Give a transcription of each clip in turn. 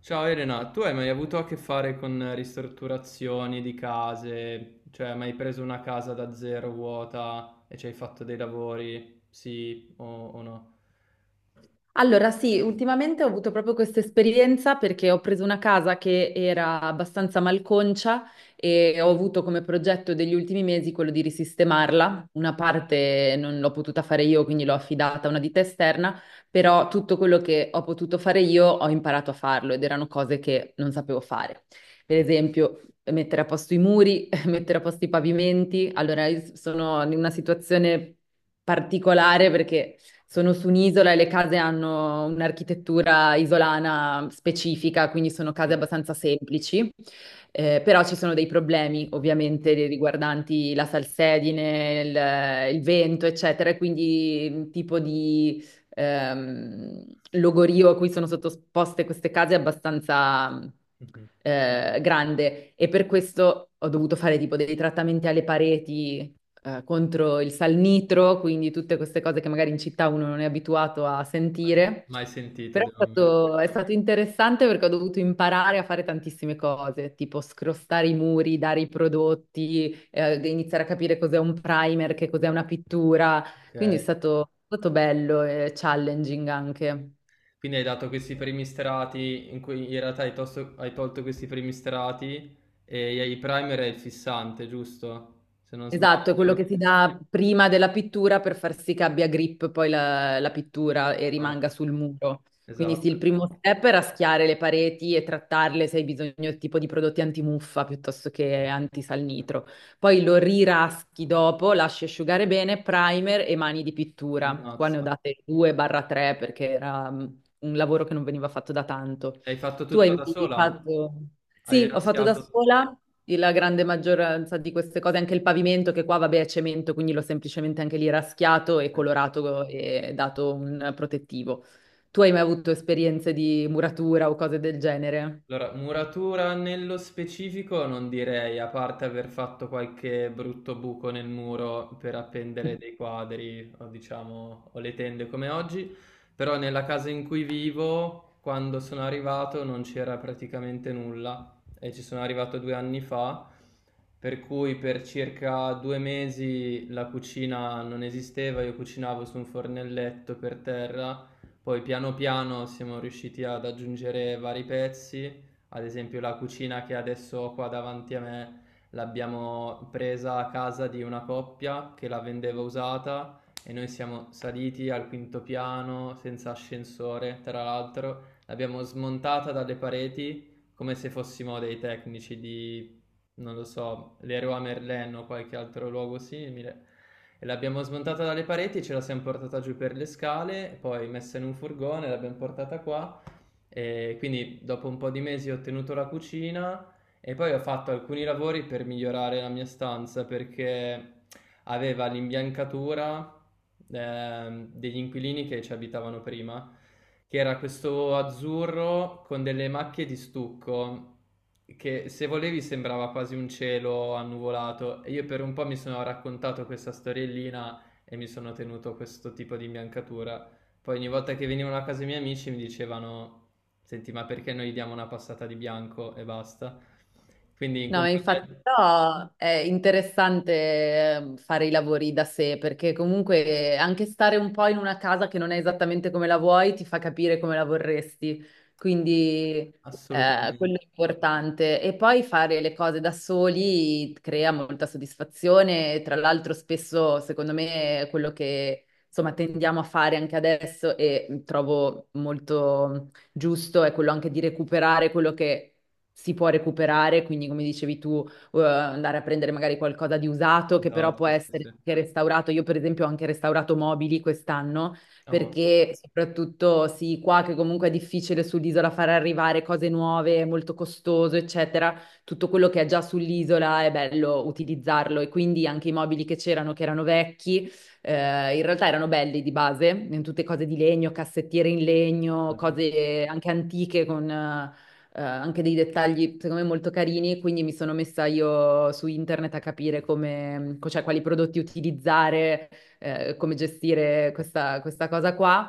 Ciao Elena, tu hai mai avuto a che fare con ristrutturazioni di case? Cioè, hai mai preso una casa da zero vuota e ci hai fatto dei lavori? Sì o no? Allora, sì, ultimamente ho avuto proprio questa esperienza perché ho preso una casa che era abbastanza malconcia e ho avuto come progetto degli ultimi mesi quello di risistemarla. Una parte non l'ho potuta fare io, quindi l'ho affidata a una ditta esterna, però tutto quello che ho potuto fare io ho imparato a farlo ed erano cose che non sapevo fare. Per esempio, mettere a posto i muri, mettere a posto i pavimenti. Allora, io sono in una situazione particolare perché sono su un'isola e le case hanno un'architettura isolana specifica, quindi sono case Mm. abbastanza semplici. Però ci sono dei problemi ovviamente riguardanti la salsedine, il vento, eccetera, e quindi un tipo di ehm, logorio a cui sono sottoposte queste case è abbastanza Mhm. Grande e per questo ho dovuto fare tipo dei trattamenti alle pareti, contro il salnitro, quindi tutte queste cose che magari in città uno non è abituato a Mai, sentire. mai sentito, Però devo ammettere. È stato interessante perché ho dovuto imparare a fare tantissime cose, tipo scrostare i muri, dare i prodotti, iniziare a capire cos'è un primer, che cos'è una pittura. Quindi Ok. È stato bello e challenging anche. Quindi hai dato questi primi strati in cui in realtà hai, hai tolto questi primi strati e i primer e il fissante, giusto? Se non Esatto, è quello sbaglio. che si dà prima della pittura per far sì che abbia grip poi la pittura e rimanga Esatto. sul muro. Quindi sì, il Esatto. primo step è raschiare le pareti e trattarle se hai bisogno del tipo di prodotti antimuffa piuttosto che antisalnitro. Poi lo riraschi dopo, lasci asciugare bene, primer e mani di pittura. Qua ne ho Ammazza. date 2-3, perché era un lavoro che non veniva fatto da tanto. Hai fatto Tu hai tutto da mai sola? fatto... Hai Sì, ho fatto da raschiato. sola la grande maggioranza di queste cose, anche il pavimento che qua vabbè è cemento, quindi l'ho semplicemente anche lì raschiato e Per colorato e dato un protettivo. Tu hai mai avuto esperienze di muratura o cose del genere? Allora, muratura nello specifico non direi, a parte aver fatto qualche brutto buco nel muro per appendere dei quadri o diciamo o le tende come oggi, però nella casa in cui vivo, quando sono arrivato non c'era praticamente nulla e ci sono arrivato 2 anni fa, per cui per circa 2 mesi la cucina non esisteva, io cucinavo su un fornelletto per terra, poi piano piano siamo riusciti ad aggiungere vari pezzi. Ad esempio la cucina che adesso ho qua davanti a me l'abbiamo presa a casa di una coppia che la vendeva usata e noi siamo saliti al quinto piano senza ascensore, tra l'altro, l'abbiamo smontata dalle pareti come se fossimo dei tecnici di, non lo so, Leroy Merlin o qualche altro luogo simile. E l'abbiamo smontata dalle pareti, ce la siamo portata giù per le scale, poi messa in un furgone, l'abbiamo portata qua e quindi dopo un po' di mesi ho tenuto la cucina e poi ho fatto alcuni lavori per migliorare la mia stanza perché aveva l'imbiancatura degli inquilini che ci abitavano prima, che era questo azzurro con delle macchie di stucco che se volevi sembrava quasi un cielo annuvolato e io per un po' mi sono raccontato questa storiellina e mi sono tenuto questo tipo di imbiancatura. Poi ogni volta che venivano a casa i miei amici mi dicevano: Senti, ma perché noi diamo una passata di bianco e basta? Quindi in No, compagnia infatti però è interessante fare i lavori da sé perché comunque anche stare un po' in una casa che non è esattamente come la vuoi ti fa capire come la vorresti, quindi quello assolutamente. è importante. E poi fare le cose da soli crea molta soddisfazione, tra l'altro spesso secondo me è quello che insomma tendiamo a fare anche adesso e trovo molto giusto è quello anche di recuperare quello che si può recuperare, quindi come dicevi tu, andare a prendere magari qualcosa di usato che però può Esatto, sì, essere sì. anche restaurato. Io per esempio ho anche restaurato mobili quest'anno Ah, boh, perché soprattutto sì, qua che comunque è difficile sull'isola far arrivare cose nuove, è molto costoso, eccetera, tutto quello che è già sull'isola è bello utilizzarlo e quindi anche i mobili che c'erano, che erano vecchi, in realtà erano belli di base, in tutte cose di legno, cassettiere in legno, immagino. cose anche antiche con anche dei dettagli secondo me molto carini, quindi mi sono messa io su internet a capire come, cioè, quali prodotti utilizzare, come gestire questa cosa qua.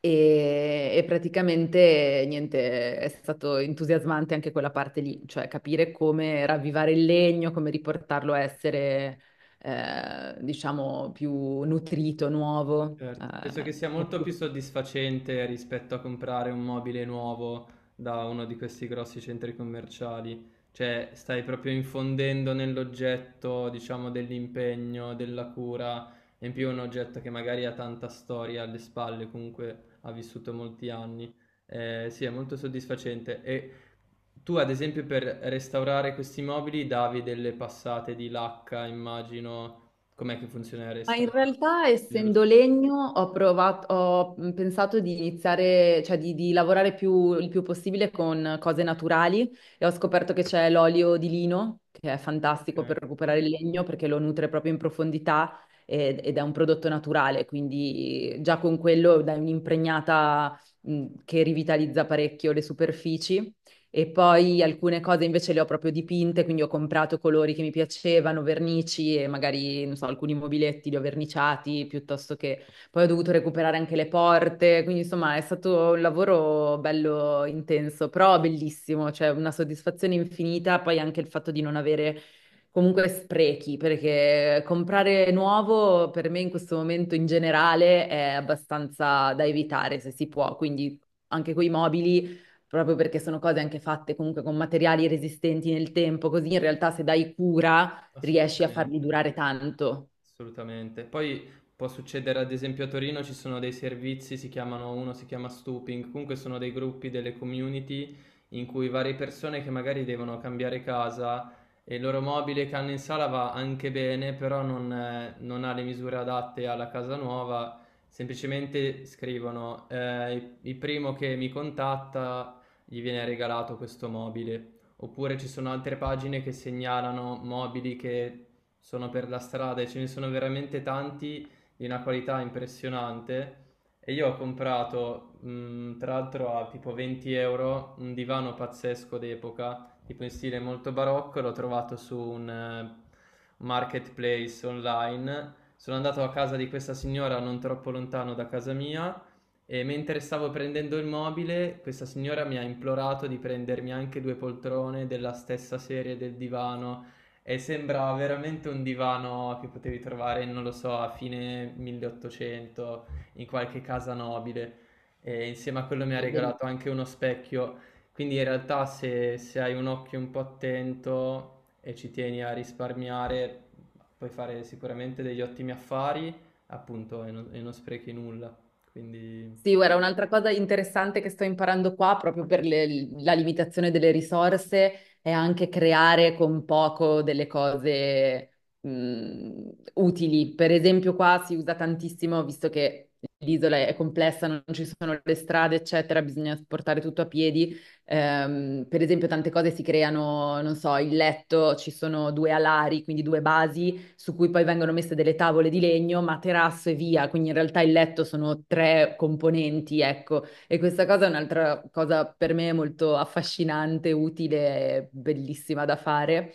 E praticamente niente, è stato entusiasmante anche quella parte lì, cioè capire come ravvivare il legno, come riportarlo a essere diciamo, più nutrito, nuovo. Certo, penso che sia Che molto più più- soddisfacente rispetto a comprare un mobile nuovo da uno di questi grossi centri commerciali, cioè stai proprio infondendo nell'oggetto, diciamo, dell'impegno, della cura, e in più un oggetto che magari ha tanta storia alle spalle, comunque ha vissuto molti anni. Sì, è molto soddisfacente. E tu, ad esempio, per restaurare questi mobili davi delle passate di lacca, immagino, com'è che funziona il Ma in restauro? realtà, Nello essendo specifico. legno, ho pensato di iniziare, cioè di lavorare il più possibile con cose naturali e ho scoperto che c'è l'olio di lino, che è fantastico Okay, per recuperare il legno perché lo nutre proprio in profondità ed è un prodotto naturale, quindi già con quello dai un'impregnata che rivitalizza parecchio le superfici e poi alcune cose invece le ho proprio dipinte, quindi ho comprato colori che mi piacevano, vernici e magari, non so, alcuni mobiletti li ho verniciati piuttosto che poi ho dovuto recuperare anche le porte, quindi insomma è stato un lavoro bello intenso, però bellissimo, cioè una soddisfazione infinita, poi anche il fatto di non avere comunque sprechi, perché comprare nuovo per me in questo momento in generale è abbastanza da evitare se si può, quindi anche coi mobili proprio perché sono cose anche fatte comunque con materiali resistenti nel tempo, così in realtà se dai cura riesci a farli assolutamente. durare tanto. Assolutamente. Poi può succedere, ad esempio, a Torino ci sono dei servizi, si chiamano uno si chiama Stooping, comunque sono dei gruppi, delle community in cui varie persone che magari devono cambiare casa e il loro mobile che hanno in sala va anche bene, però non ha le misure adatte alla casa nuova, semplicemente scrivono il primo che mi contatta gli viene regalato questo mobile. Oppure ci sono altre pagine che segnalano mobili che sono per la strada e ce ne sono veramente tanti di una qualità impressionante. E io ho comprato, tra l'altro a tipo 20 euro, un divano pazzesco d'epoca, tipo in stile molto barocco, l'ho trovato su un marketplace online. Sono andato a casa di questa signora non troppo lontano da casa mia e mentre stavo prendendo il mobile, questa signora mi ha implorato di prendermi anche due poltrone della stessa serie del divano e sembra veramente un divano che potevi trovare, non lo so, a fine 1800 in qualche casa nobile. E insieme a quello mi ha Del- regalato anche uno specchio. Quindi in realtà se hai un occhio un po' attento e ci tieni a risparmiare, puoi fare sicuramente degli ottimi affari, appunto, e non sprechi nulla. Quindi Sì, guarda, un'altra cosa interessante che sto imparando qua, proprio per la limitazione delle risorse, è anche creare con poco delle cose utili. Per esempio, qua si usa tantissimo, visto che l'isola è complessa, non ci sono le strade, eccetera, bisogna portare tutto a piedi. Per esempio, tante cose si creano, non so, il letto, ci sono due alari, quindi due basi su cui poi vengono messe delle tavole di legno, materasso e via, quindi in realtà il letto sono tre componenti, ecco, e questa cosa è un'altra cosa per me molto affascinante, utile e bellissima da fare.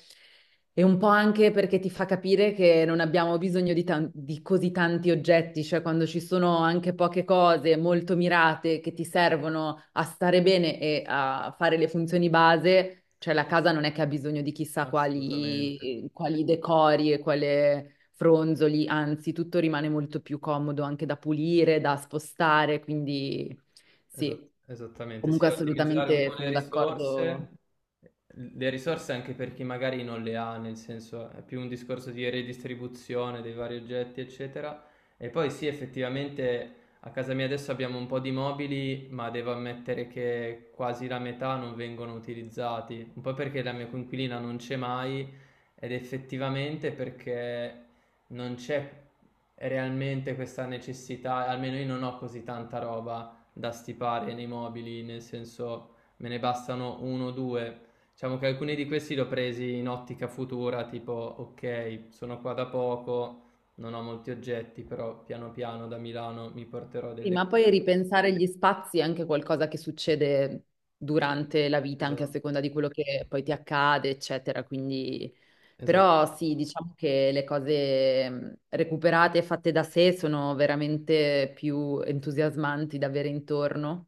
E un po' anche perché ti fa capire che non abbiamo bisogno di, di così tanti oggetti, cioè quando ci sono anche poche cose molto mirate che ti servono a stare bene e a fare le funzioni base, cioè la casa non è che ha bisogno di chissà assolutamente. quali, quali decori e quale fronzoli, anzi tutto rimane molto più comodo anche da pulire, da spostare, quindi Esat- sì, Esattamente, sì, comunque ottimizzare un po' assolutamente sono d'accordo. le risorse anche per chi magari non le ha, nel senso è più un discorso di redistribuzione dei vari oggetti, eccetera. E poi sì, effettivamente a casa mia adesso abbiamo un po' di mobili, ma devo ammettere che quasi la metà non vengono utilizzati, un po' perché la mia coinquilina non c'è mai ed effettivamente perché non c'è realmente questa necessità, almeno io non ho così tanta roba da stipare nei mobili, nel senso me ne bastano uno o due. Diciamo che alcuni di questi li ho presi in ottica futura, tipo ok, sono qua da poco, non ho molti oggetti, però piano piano da Milano mi porterò Sì, delle ma cose. poi ripensare gli spazi è anche qualcosa che succede durante la vita, anche a Esatto, seconda di quello che poi ti accade, eccetera. Quindi, esatto, però sì, diciamo che le cose recuperate e fatte da sé sono veramente più entusiasmanti da avere intorno.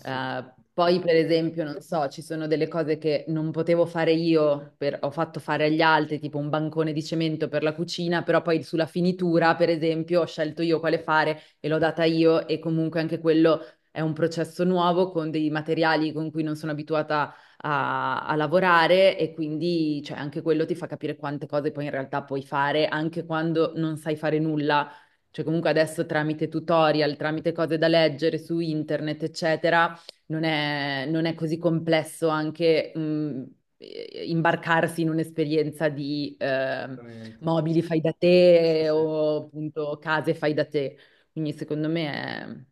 Poi, per esempio, non so, ci sono delle cose che non potevo fare io, ho fatto fare agli altri, tipo un bancone di cemento per la cucina, però poi sulla finitura, per esempio, ho scelto io quale fare e l'ho data io e comunque anche quello è un processo nuovo con dei materiali con cui non sono abituata a lavorare e quindi cioè, anche quello ti fa capire quante cose poi in realtà puoi fare anche quando non sai fare nulla. Cioè comunque adesso tramite tutorial, tramite cose da leggere su internet, eccetera, non è così complesso anche imbarcarsi in un'esperienza di assolutamente. mobili fai da Sì, sì, te sì. o appunto case fai da te. Quindi secondo me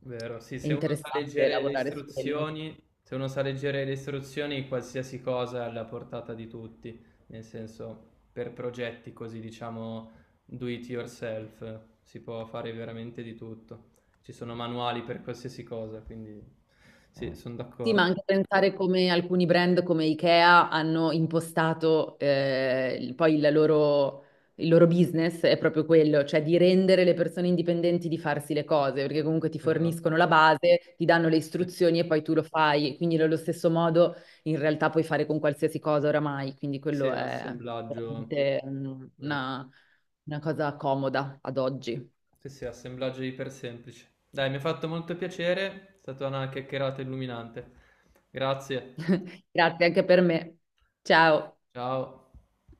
Vero, sì, è se uno sa interessante leggere le lavorare su quello. istruzioni, se uno sa leggere le istruzioni, qualsiasi cosa è alla portata di tutti, nel senso, per progetti così, diciamo, do it yourself, si può fare veramente di tutto. Ci sono manuali per qualsiasi cosa, quindi sì, sono Sì, d'accordo. ma anche pensare come alcuni brand come IKEA hanno impostato il loro business è proprio quello, cioè di rendere le persone indipendenti di farsi le cose, perché comunque ti Esatto. forniscono la base, ti danno le istruzioni e poi tu lo fai. Quindi nello stesso modo in realtà puoi fare con qualsiasi cosa oramai, quindi Sì, sì, quello è assemblaggio, veramente mm, vero. Una cosa comoda ad oggi. Sì, sì, assemblaggio iper semplice. Dai, mi ha fatto molto piacere, è stata una chiacchierata illuminante. Grazie, Grazie anche per me. Ciao. ciao.